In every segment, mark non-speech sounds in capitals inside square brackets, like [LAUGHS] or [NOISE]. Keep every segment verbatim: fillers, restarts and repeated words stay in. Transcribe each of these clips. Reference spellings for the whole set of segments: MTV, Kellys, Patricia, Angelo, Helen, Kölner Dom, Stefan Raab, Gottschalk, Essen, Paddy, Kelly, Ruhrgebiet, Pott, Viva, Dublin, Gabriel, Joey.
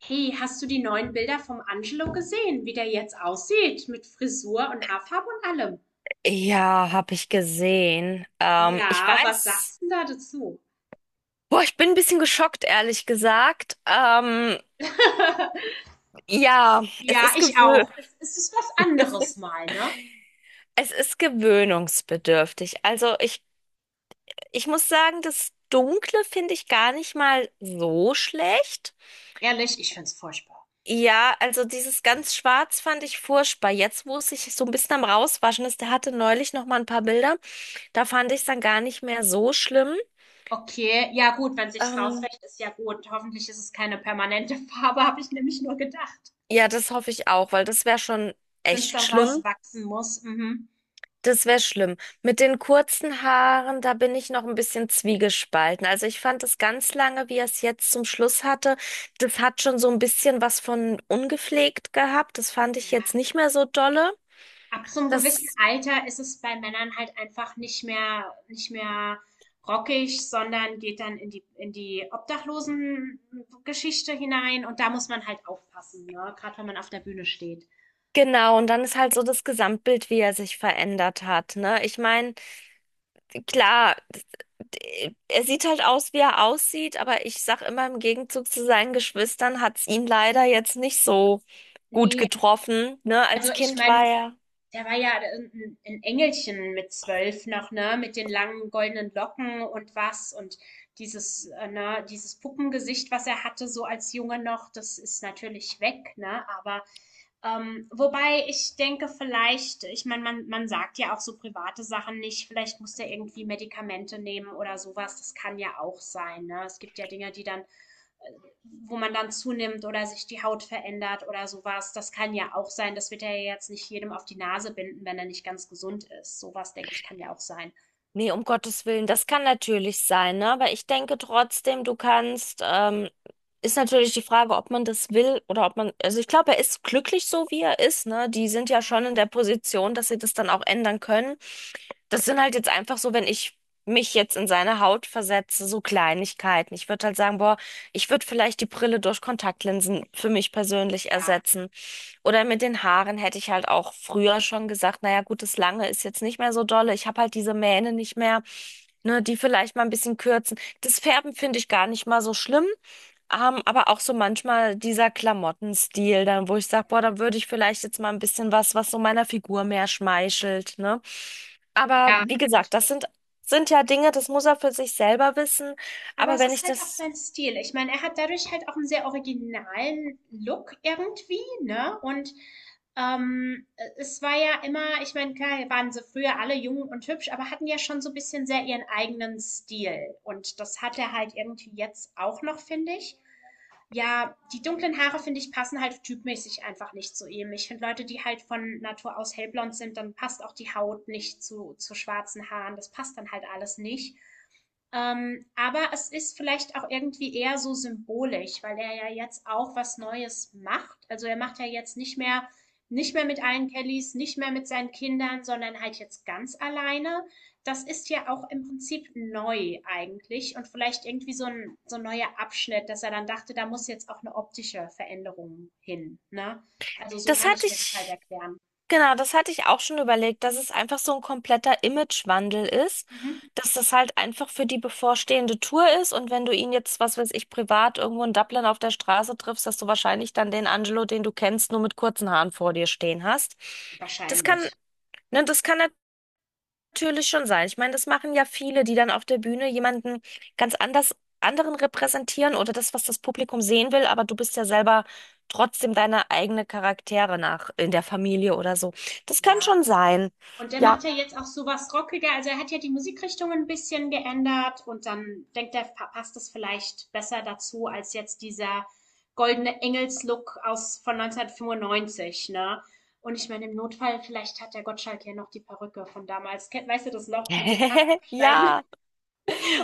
Hey, hast du die neuen Bilder vom Angelo gesehen, wie der jetzt aussieht, mit Frisur und Haarfarbe und allem? Ja, habe ich gesehen. Ähm, ich Ja, was weiß, sagst du denn da dazu? boah, ich bin ein bisschen geschockt, ehrlich gesagt. Ähm, [LAUGHS] ja, es Ja, ist ich gewö auch. Es es ist was anderes mal, ne? es ist gewöhnungsbedürftig. Also ich, ich muss sagen, das Dunkle finde ich gar nicht mal so schlecht. Ehrlich, ich find's furchtbar. Ja, also dieses ganz Schwarz fand ich furchtbar. Jetzt, wo es sich so ein bisschen am Rauswaschen ist, der hatte neulich noch mal ein paar Bilder. Da fand ich es dann gar nicht mehr so schlimm. Okay, ja gut, wenn sich's Ähm, rauswäscht, ist ja gut. Hoffentlich ist es keine permanente [LAUGHS] Farbe, habe ich nämlich nur gedacht. ja, das hoffe ich auch, weil das wäre schon Wenn's echt dann schlimm. rauswachsen muss. Mhm. Das wäre schlimm. Mit den kurzen Haaren, da bin ich noch ein bisschen zwiegespalten. Also ich fand es ganz lange, wie er es jetzt zum Schluss hatte, das hat schon so ein bisschen was von ungepflegt gehabt. Das fand ich Ja. jetzt nicht mehr so dolle. Ab so einem gewissen Das, Alter ist es bei Männern halt einfach nicht mehr nicht mehr rockig, sondern geht dann in die in die Obdachlosengeschichte hinein und da muss man halt aufpassen, ne, gerade wenn man auf der Bühne steht. genau, und dann ist halt so das Gesamtbild, wie er sich verändert hat, ne? Ich meine, klar, d- er sieht halt aus, wie er aussieht, aber ich sag immer, im Gegenzug zu seinen Geschwistern hat's ihn leider jetzt nicht so gut Ne, getroffen, ne? also Als ich Kind war meine, er. der war ja ein 'n Engelchen mit zwölf noch, ne, mit den langen goldenen Locken und was und dieses äh, ne, dieses Puppengesicht, was er hatte, so als Junge noch, das ist natürlich weg, ne? Aber, ähm wobei ich denke, vielleicht, ich meine, man man sagt ja auch so private Sachen nicht, vielleicht muss der irgendwie Medikamente nehmen oder sowas. Das kann ja auch sein, ne? Es gibt ja Dinge, die dann wo man dann zunimmt oder sich die Haut verändert oder sowas. Das kann ja auch sein. Das wird ja jetzt nicht jedem auf die Nase binden, wenn er nicht ganz gesund ist. Sowas, denke ich, kann ja auch sein. Nee, um Gottes Willen, das kann natürlich sein, ne? Aber ich denke trotzdem, du kannst, ähm, ist natürlich die Frage, ob man das will oder ob man, also ich glaube, er ist glücklich so, wie er ist, ne? Die sind ja Mhm. schon in der Position, dass sie das dann auch ändern können. Das sind halt jetzt einfach so, wenn ich mich jetzt in seine Haut versetze, so Kleinigkeiten. Ich würde halt sagen, boah, ich würde vielleicht die Brille durch Kontaktlinsen für mich persönlich Ja, ersetzen. Oder mit den Haaren hätte ich halt auch früher schon gesagt, naja, gut, das Lange ist jetzt nicht mehr so dolle. Ich habe halt diese Mähne nicht mehr, ne, die vielleicht mal ein bisschen kürzen. Das Färben finde ich gar nicht mal so schlimm. Ähm, aber auch so manchmal dieser Klamottenstil, dann, wo ich sage, boah, dann würde ich vielleicht jetzt mal ein bisschen was, was so meiner Figur mehr schmeichelt, ne? Aber ja, wie gesagt, das natürlich. sind, sind ja Dinge, das muss er für sich selber wissen. Aber Aber es wenn ist ich halt auch das, sein Stil. Ich meine, er hat dadurch halt auch einen sehr originalen Look irgendwie, ne? Und ähm, es war ja immer, ich meine, klar waren sie früher alle jung und hübsch, aber hatten ja schon so ein bisschen sehr ihren eigenen Stil. Und das hat er halt irgendwie jetzt auch noch, finde ich. Ja, die dunklen Haare, finde ich, passen halt typmäßig einfach nicht zu ihm. Ich finde Leute, die halt von Natur aus hellblond sind, dann passt auch die Haut nicht zu, zu schwarzen Haaren. Das passt dann halt alles nicht. Ähm, aber es ist vielleicht auch irgendwie eher so symbolisch, weil er ja jetzt auch was Neues macht. Also er macht ja jetzt nicht mehr, nicht mehr mit allen Kellys, nicht mehr mit seinen Kindern, sondern halt jetzt ganz alleine. Das ist ja auch im Prinzip neu eigentlich und vielleicht irgendwie so ein, so ein neuer Abschnitt, dass er dann dachte, da muss jetzt auch eine optische Veränderung hin, ne? Also so das kann ich hatte mir das halt ich. erklären. Genau, das hatte ich auch schon überlegt, dass es einfach so ein kompletter Imagewandel ist, Mhm. dass das halt einfach für die bevorstehende Tour ist und wenn du ihn jetzt, was weiß ich, privat irgendwo in Dublin auf der Straße triffst, dass du wahrscheinlich dann den Angelo, den du kennst, nur mit kurzen Haaren vor dir stehen hast. Das kann, Wahrscheinlich. ne, das kann natürlich schon sein. Ich meine, das machen ja viele, die dann auf der Bühne jemanden ganz anders, anderen repräsentieren oder das, was das Publikum sehen will, aber du bist ja selber trotzdem deine eigene Charaktere nach in der Familie oder so. Das kann Ja. schon sein. Und der macht Ja. ja jetzt auch sowas rockiger. Also er hat ja die Musikrichtung ein bisschen geändert und dann denkt er, passt es vielleicht besser dazu als jetzt dieser goldene Engelslook aus von neunzehnhundertfünfundneunzig, ne? Und ich meine, im Notfall, vielleicht hat der Gottschalk ja noch die Perücke von damals. Weißt du das noch mit dem Haare [LAUGHS] abschneiden? Ja.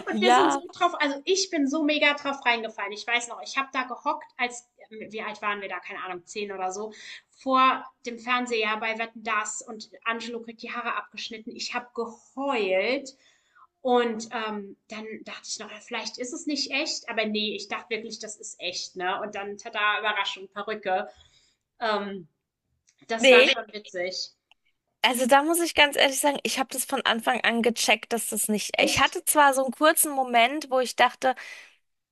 Und wir sind so Ja. drauf, also ich bin so mega drauf reingefallen. Ich weiß noch, ich habe da gehockt, als, ähm, wie alt waren wir da, keine Ahnung, zehn oder so, vor dem Fernseher bei Wetten das und Angelo kriegt die Haare abgeschnitten. Ich habe geheult. Und ähm, dann dachte ich noch, ja, vielleicht ist es nicht echt, aber nee, ich dachte wirklich, das ist echt, ne? Und dann, tada, Überraschung, Perücke. Ähm, Das war Nee. schon witzig. Also da muss ich ganz ehrlich sagen, ich habe das von Anfang an gecheckt, dass das nicht. Ich Echt? hatte zwar so einen kurzen Moment, wo ich dachte,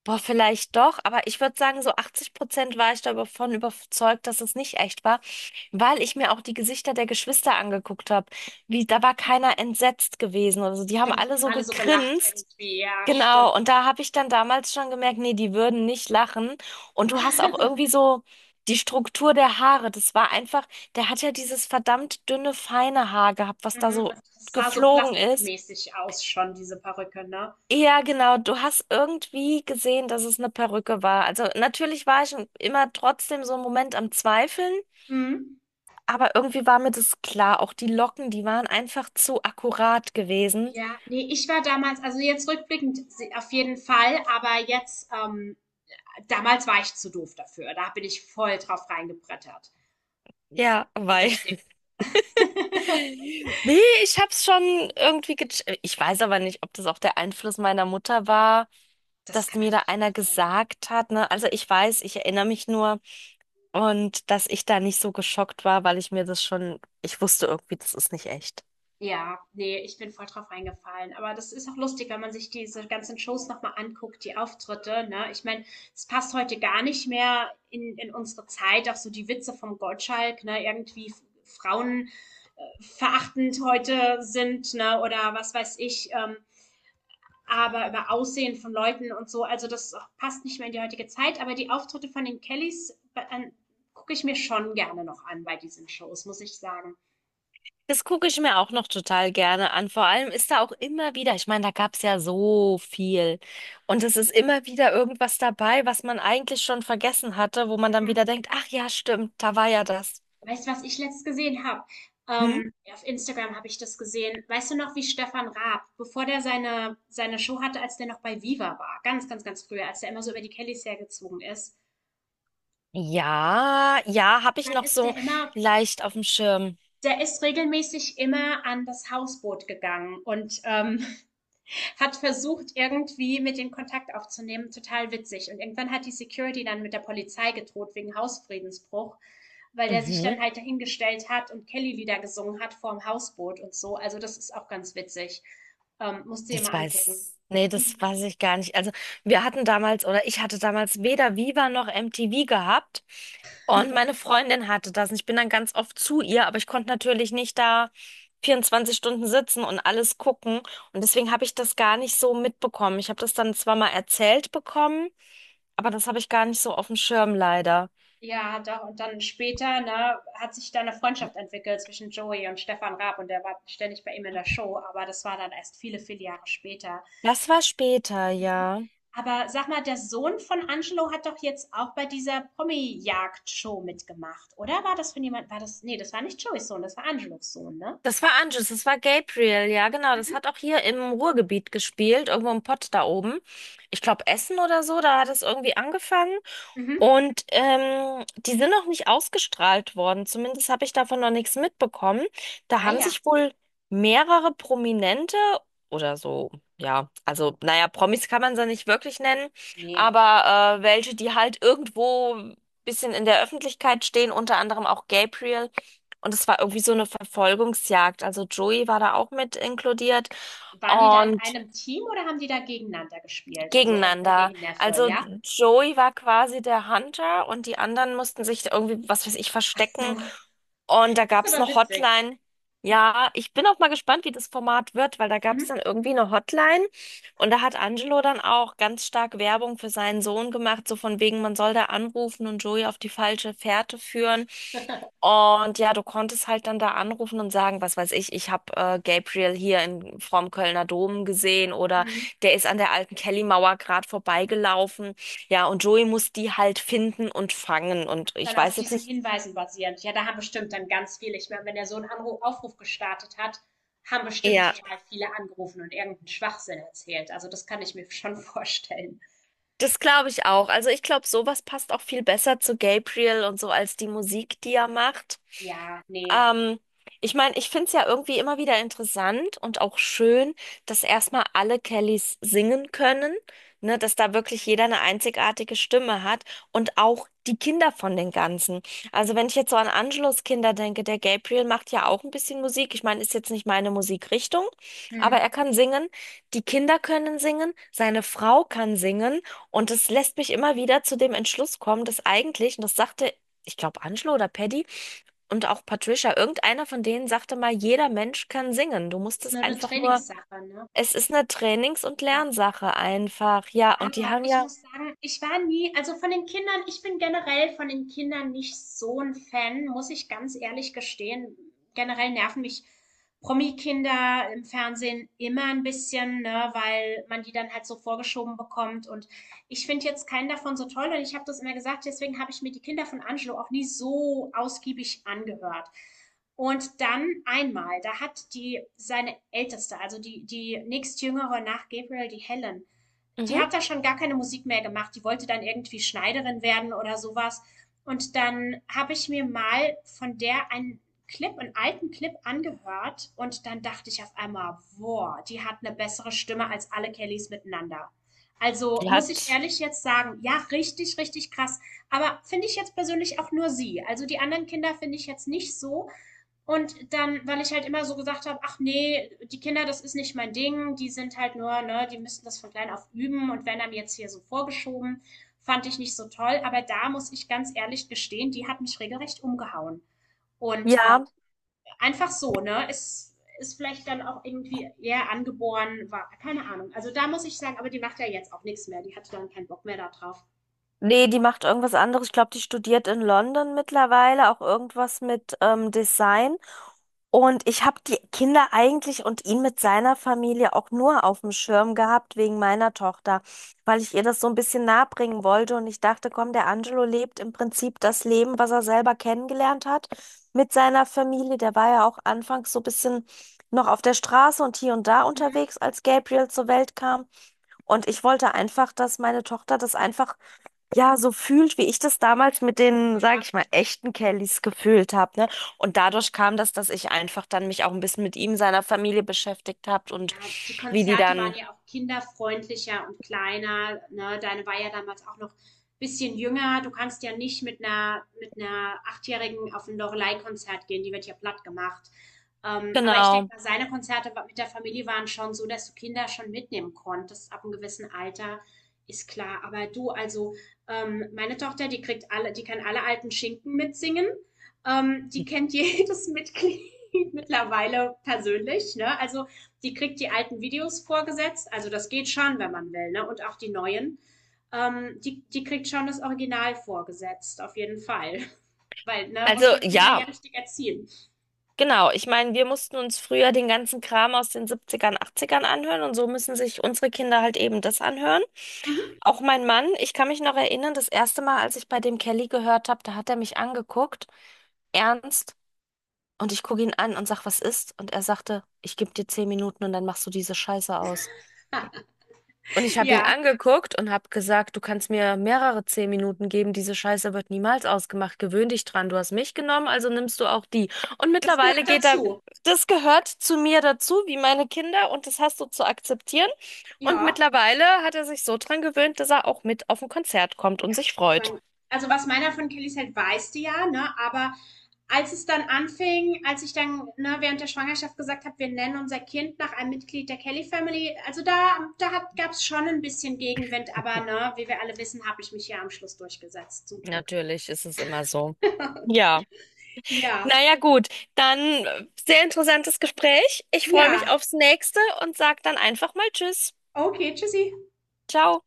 boah, vielleicht doch, aber ich würde sagen, so achtzig Prozent war ich davon überzeugt, dass es nicht echt war, weil ich mir auch die Gesichter der Geschwister angeguckt habe. Wie, da war keiner entsetzt gewesen oder so. Die haben Stimmt, alle die haben so alle so gelacht gegrinst. irgendwie. Ja, Genau, stimmt. und da habe ich dann damals schon gemerkt, nee, die würden nicht lachen. Und du hast auch [LAUGHS] irgendwie so die Struktur der Haare. Das war einfach, der hat ja dieses verdammt dünne, feine Haar gehabt, was da Mhm, und so das sah so geflogen ist. plastikmäßig aus schon, diese Perücke, ne? Ja, genau. Du hast irgendwie gesehen, dass es eine Perücke war. Also natürlich war ich immer trotzdem so einen Moment am Zweifeln, Mhm. aber irgendwie war mir das klar. Auch die Locken, die waren einfach zu akkurat gewesen. Ja, nee, ich war damals, also jetzt rückblickend se auf jeden Fall, aber jetzt ähm, damals war ich zu doof dafür. Da bin ich voll drauf reingebrettert. Ja, So weil. richtig. [LAUGHS] Nee, ich hab's schon irgendwie gecheckt. [LAUGHS] Ich weiß aber nicht, ob das auch der Einfluss meiner Mutter war, Das dass kann mir da natürlich einer auch sein. gesagt hat, ne? Also ich weiß, ich erinnere mich nur und dass ich da nicht so geschockt war, weil ich mir das schon, ich wusste irgendwie, das ist nicht echt. Ja, nee, ich bin voll drauf reingefallen. Aber das ist auch lustig, wenn man sich diese ganzen Shows nochmal anguckt, die Auftritte, ne? Ich meine, es passt heute gar nicht mehr in, in unsere Zeit, auch so die Witze vom Gottschalk, ne? Irgendwie f- Frauen äh, verachtend heute sind, ne? Oder was weiß ich, ähm, aber über Aussehen von Leuten und so. Also das passt nicht mehr in die heutige Zeit. Aber die Auftritte von den Kellys äh, gucke ich mir schon gerne noch an bei diesen Shows, muss ich sagen. Das gucke ich mir auch noch total gerne an. Vor allem ist da auch immer wieder, ich meine, da gab's ja so viel. Und es ist immer wieder irgendwas dabei, was man eigentlich schon vergessen hatte, wo man dann wieder denkt, ach ja, stimmt, da war ja das. Weißt du, was ich letztes gesehen habe? Hm? Ähm, ja, auf Instagram habe ich das gesehen. Weißt du noch, wie Stefan Raab, bevor der seine, seine Show hatte, als der noch bei Viva war, ganz, ganz, ganz früher, als der immer so über die Kellys hergezogen ist, Ja, ja, habe ich dann noch ist so der immer, leicht auf dem Schirm. der ist regelmäßig immer an das Hausboot gegangen und ähm, hat versucht, irgendwie mit den Kontakt aufzunehmen. Total witzig. Und irgendwann hat die Security dann mit der Polizei gedroht wegen Hausfriedensbruch, weil der sich dann Mhm. halt dahingestellt hat und Kelly-Lieder gesungen hat vorm Hausboot und so. Also das ist auch ganz witzig. Ähm, musst du dir Das mal angucken. weiß, nee, das Mhm. weiß ich gar nicht. Also wir hatten damals oder ich hatte damals weder Viva noch M T V gehabt und meine Freundin hatte das. Und ich bin dann ganz oft zu ihr, aber ich konnte natürlich nicht da vierundzwanzig Stunden sitzen und alles gucken. Und deswegen habe ich das gar nicht so mitbekommen. Ich habe das dann zwar mal erzählt bekommen, aber das habe ich gar nicht so auf dem Schirm leider. Ja, doch. Und dann später, ne, hat sich da eine Freundschaft entwickelt zwischen Joey und Stefan Raab und der war ständig bei ihm in der Show, aber das war dann erst viele, viele Jahre später. Das war später, Mhm. ja. Aber sag mal, der Sohn von Angelo hat doch jetzt auch bei dieser Promi-Jagd-Show mitgemacht, oder? War das von jemand, war das, nee, das war nicht Joeys Sohn, das war Angelos Sohn, ne? Das war Anjus, das war Gabriel, ja, genau. Das Mhm. hat auch hier im Ruhrgebiet gespielt, irgendwo im Pott da oben. Ich glaube, Essen oder so, da hat es irgendwie angefangen. Mhm. Und ähm, die sind noch nicht ausgestrahlt worden. Zumindest habe ich davon noch nichts mitbekommen. Da Ah haben ja, sich wohl mehrere Prominente oder so, ja, also naja, Promis kann man sie nicht wirklich nennen, nee. aber äh, welche, die halt irgendwo ein bisschen in der Öffentlichkeit stehen, unter anderem auch Gabriel. Und es war irgendwie so eine Verfolgungsjagd. Also Joey war da auch mit inkludiert. Waren die da in Und einem Team oder haben die da gegeneinander gespielt? Also Onkel Gegeneinander. gegen Neffe, Also ja? Joey war quasi der Hunter und die anderen mussten sich irgendwie, was weiß ich, Ach verstecken so, und da das ist gab es aber eine witzig. Hotline. Ja, ich bin auch mal gespannt, wie das Format wird, weil da gab es Mhm. dann irgendwie eine Hotline und da hat Angelo dann auch ganz stark Werbung für seinen Sohn gemacht, so von wegen, man soll da anrufen und Joey auf die falsche Fährte führen. [LAUGHS] Und ja, du konntest halt dann da anrufen und sagen, was weiß ich, ich habe äh, Gabriel hier in, vorm Kölner Dom gesehen oder Mhm. der ist an der alten Kellymauer gerade vorbeigelaufen. Ja, und Joey muss die halt finden und fangen und ich Dann auf weiß jetzt diesen nicht. Hinweisen basierend. Ja, da haben bestimmt dann ganz viele. Ich meine, wenn er so einen Anruf, Aufruf gestartet hat, haben bestimmt Ja. total viele angerufen und irgendeinen Schwachsinn erzählt. Also das kann ich mir [LAUGHS] schon vorstellen. Das glaube ich auch. Also ich glaube, sowas passt auch viel besser zu Gabriel und so als die Musik, die er macht. Ja, nee. Ähm, Ich meine, ich finde es ja irgendwie immer wieder interessant und auch schön, dass erstmal alle Kellys singen können, ne, dass da wirklich Hm. jeder eine einzigartige Stimme hat und auch die Kinder von den Ganzen. Also wenn ich jetzt so an Angelos Kinder denke, der Gabriel macht ja auch ein bisschen Musik. Ich meine, ist jetzt nicht meine Musikrichtung, aber Hm. er kann singen. Die Kinder können singen, seine Frau kann singen. Und das lässt mich immer wieder zu dem Entschluss kommen, dass eigentlich, und das sagte, ich glaube, Angelo oder Paddy und auch Patricia, irgendeiner von denen sagte mal, jeder Mensch kann singen. Du Das musst ist nur es eine einfach nur, Trainingssache, ne? es ist eine Trainings- und Ja. Lernsache einfach. Ja, und die Aber haben ich ja. muss sagen, ich war nie, also von den Kindern, ich bin generell von den Kindern nicht so ein Fan, muss ich ganz ehrlich gestehen. Generell nerven mich Promi-Kinder im Fernsehen immer ein bisschen, ne, weil man die dann halt so vorgeschoben bekommt. Und ich finde jetzt keinen davon so toll. Und ich habe das immer gesagt, deswegen habe ich mir die Kinder von Angelo auch nie so ausgiebig angehört. Und dann einmal, da hat die seine Älteste, also die, die nächstjüngere nach Gabriel, die Helen, die Mhm. hat da schon gar keine Musik mehr gemacht. Die wollte dann irgendwie Schneiderin werden oder sowas. Und dann habe ich mir mal von der einen Clip, einen alten Clip angehört und dann dachte ich auf einmal, boah, die hat eine bessere Stimme als alle Kellys miteinander. Also die muss ich hat, ehrlich jetzt sagen, ja, richtig, richtig krass. Aber finde ich jetzt persönlich auch nur sie. Also die anderen Kinder finde ich jetzt nicht so. Und dann, weil ich halt immer so gesagt habe, ach nee, die Kinder, das ist nicht mein Ding, die sind halt nur, ne, die müssen das von klein auf üben und werden dann jetzt hier so vorgeschoben, fand ich nicht so toll. Aber da muss ich ganz ehrlich gestehen, die hat mich regelrecht umgehauen. Und äh, ja, einfach so, ne, ist, ist vielleicht dann auch irgendwie eher angeboren, war, keine Ahnung. Also da muss ich sagen, aber die macht ja jetzt auch nichts mehr, die hatte dann keinen Bock mehr da drauf. nee, die macht irgendwas anderes. Ich glaube, die studiert in London mittlerweile auch irgendwas mit ähm, Design. Und ich habe die Kinder eigentlich und ihn mit seiner Familie auch nur auf dem Schirm gehabt wegen meiner Tochter, weil ich ihr das so ein bisschen nahebringen wollte und ich dachte, komm, der Angelo lebt im Prinzip das Leben, was er selber kennengelernt hat mit seiner Familie. Der war ja auch anfangs so ein bisschen noch auf der Straße und hier und da Mhm. unterwegs, als Gabriel zur Welt kam. Und ich wollte einfach, dass meine Tochter das einfach ja, so fühlt, wie ich das damals mit den, sage Ja. ich mal, echten Kellys gefühlt habe, ne? Und dadurch kam das, dass ich einfach dann mich auch ein bisschen mit ihm, seiner Familie beschäftigt habe Ja, und die wie die Konzerte waren dann, ja auch kinderfreundlicher und kleiner, ne? Deine war ja damals auch noch ein bisschen jünger. Du kannst ja nicht mit einer mit einer Achtjährigen auf ein Loreley-Konzert gehen, die wird ja plattgemacht. Ähm, aber ich denke genau. mal, seine Konzerte wa mit der Familie waren schon so, dass du Kinder schon mitnehmen konntest ab einem gewissen Alter, ist klar. Aber du, also, ähm, meine Tochter, die kriegt alle die kann alle alten Schinken mitsingen. Ähm, die kennt jedes [LAUGHS] Mitglied mittlerweile persönlich, ne? Also, die kriegt die alten Videos vorgesetzt. Also das geht schon, wenn man will, ne? Und auch die neuen. Ähm, die, die kriegt schon das Original vorgesetzt, auf jeden Fall. [LAUGHS] Weil, ne, muss Also man Kinder ja ja, richtig erziehen. genau. Ich meine, wir mussten uns früher den ganzen Kram aus den Siebzigern, Achtzigern anhören und so müssen sich unsere Kinder halt eben das anhören. Mhm. Auch mein Mann, ich kann mich noch erinnern, das erste Mal, als ich bei dem Kelly gehört habe, da hat er mich angeguckt. Ernst? Und ich gucke ihn an und sag, was ist? Und er sagte, ich gebe dir zehn Minuten und dann machst du diese Scheiße aus. Und ich habe ihn Ja, angeguckt und habe gesagt, du kannst mir mehrere zehn Minuten geben, diese Scheiße wird niemals ausgemacht. Gewöhn dich dran. Du hast mich genommen, also nimmst du auch die. Und das mittlerweile gehört geht er, dazu. das gehört zu mir dazu, wie meine Kinder, und das hast du zu akzeptieren. Und Ja. mittlerweile hat er sich so dran gewöhnt, dass er auch mit auf ein Konzert kommt und Ja, sich ich freut. meine, also, was meiner von Kellys hält, weißt du ja, ne? Aber als es dann anfing, als ich dann, ne, während der Schwangerschaft gesagt habe, wir nennen unser Kind nach einem Mitglied der Kelly Family, also da, da hat, gab's schon ein bisschen Gegenwind, aber ne, wie wir alle wissen, habe ich mich hier am Schluss durchgesetzt, zum Glück. Natürlich ist es immer so. Ja. Ja, Naja, gut, dann äh, sehr interessantes Gespräch. Ich freue mich ja, aufs nächste und sag dann einfach mal Tschüss. okay, tschüssi. Ciao.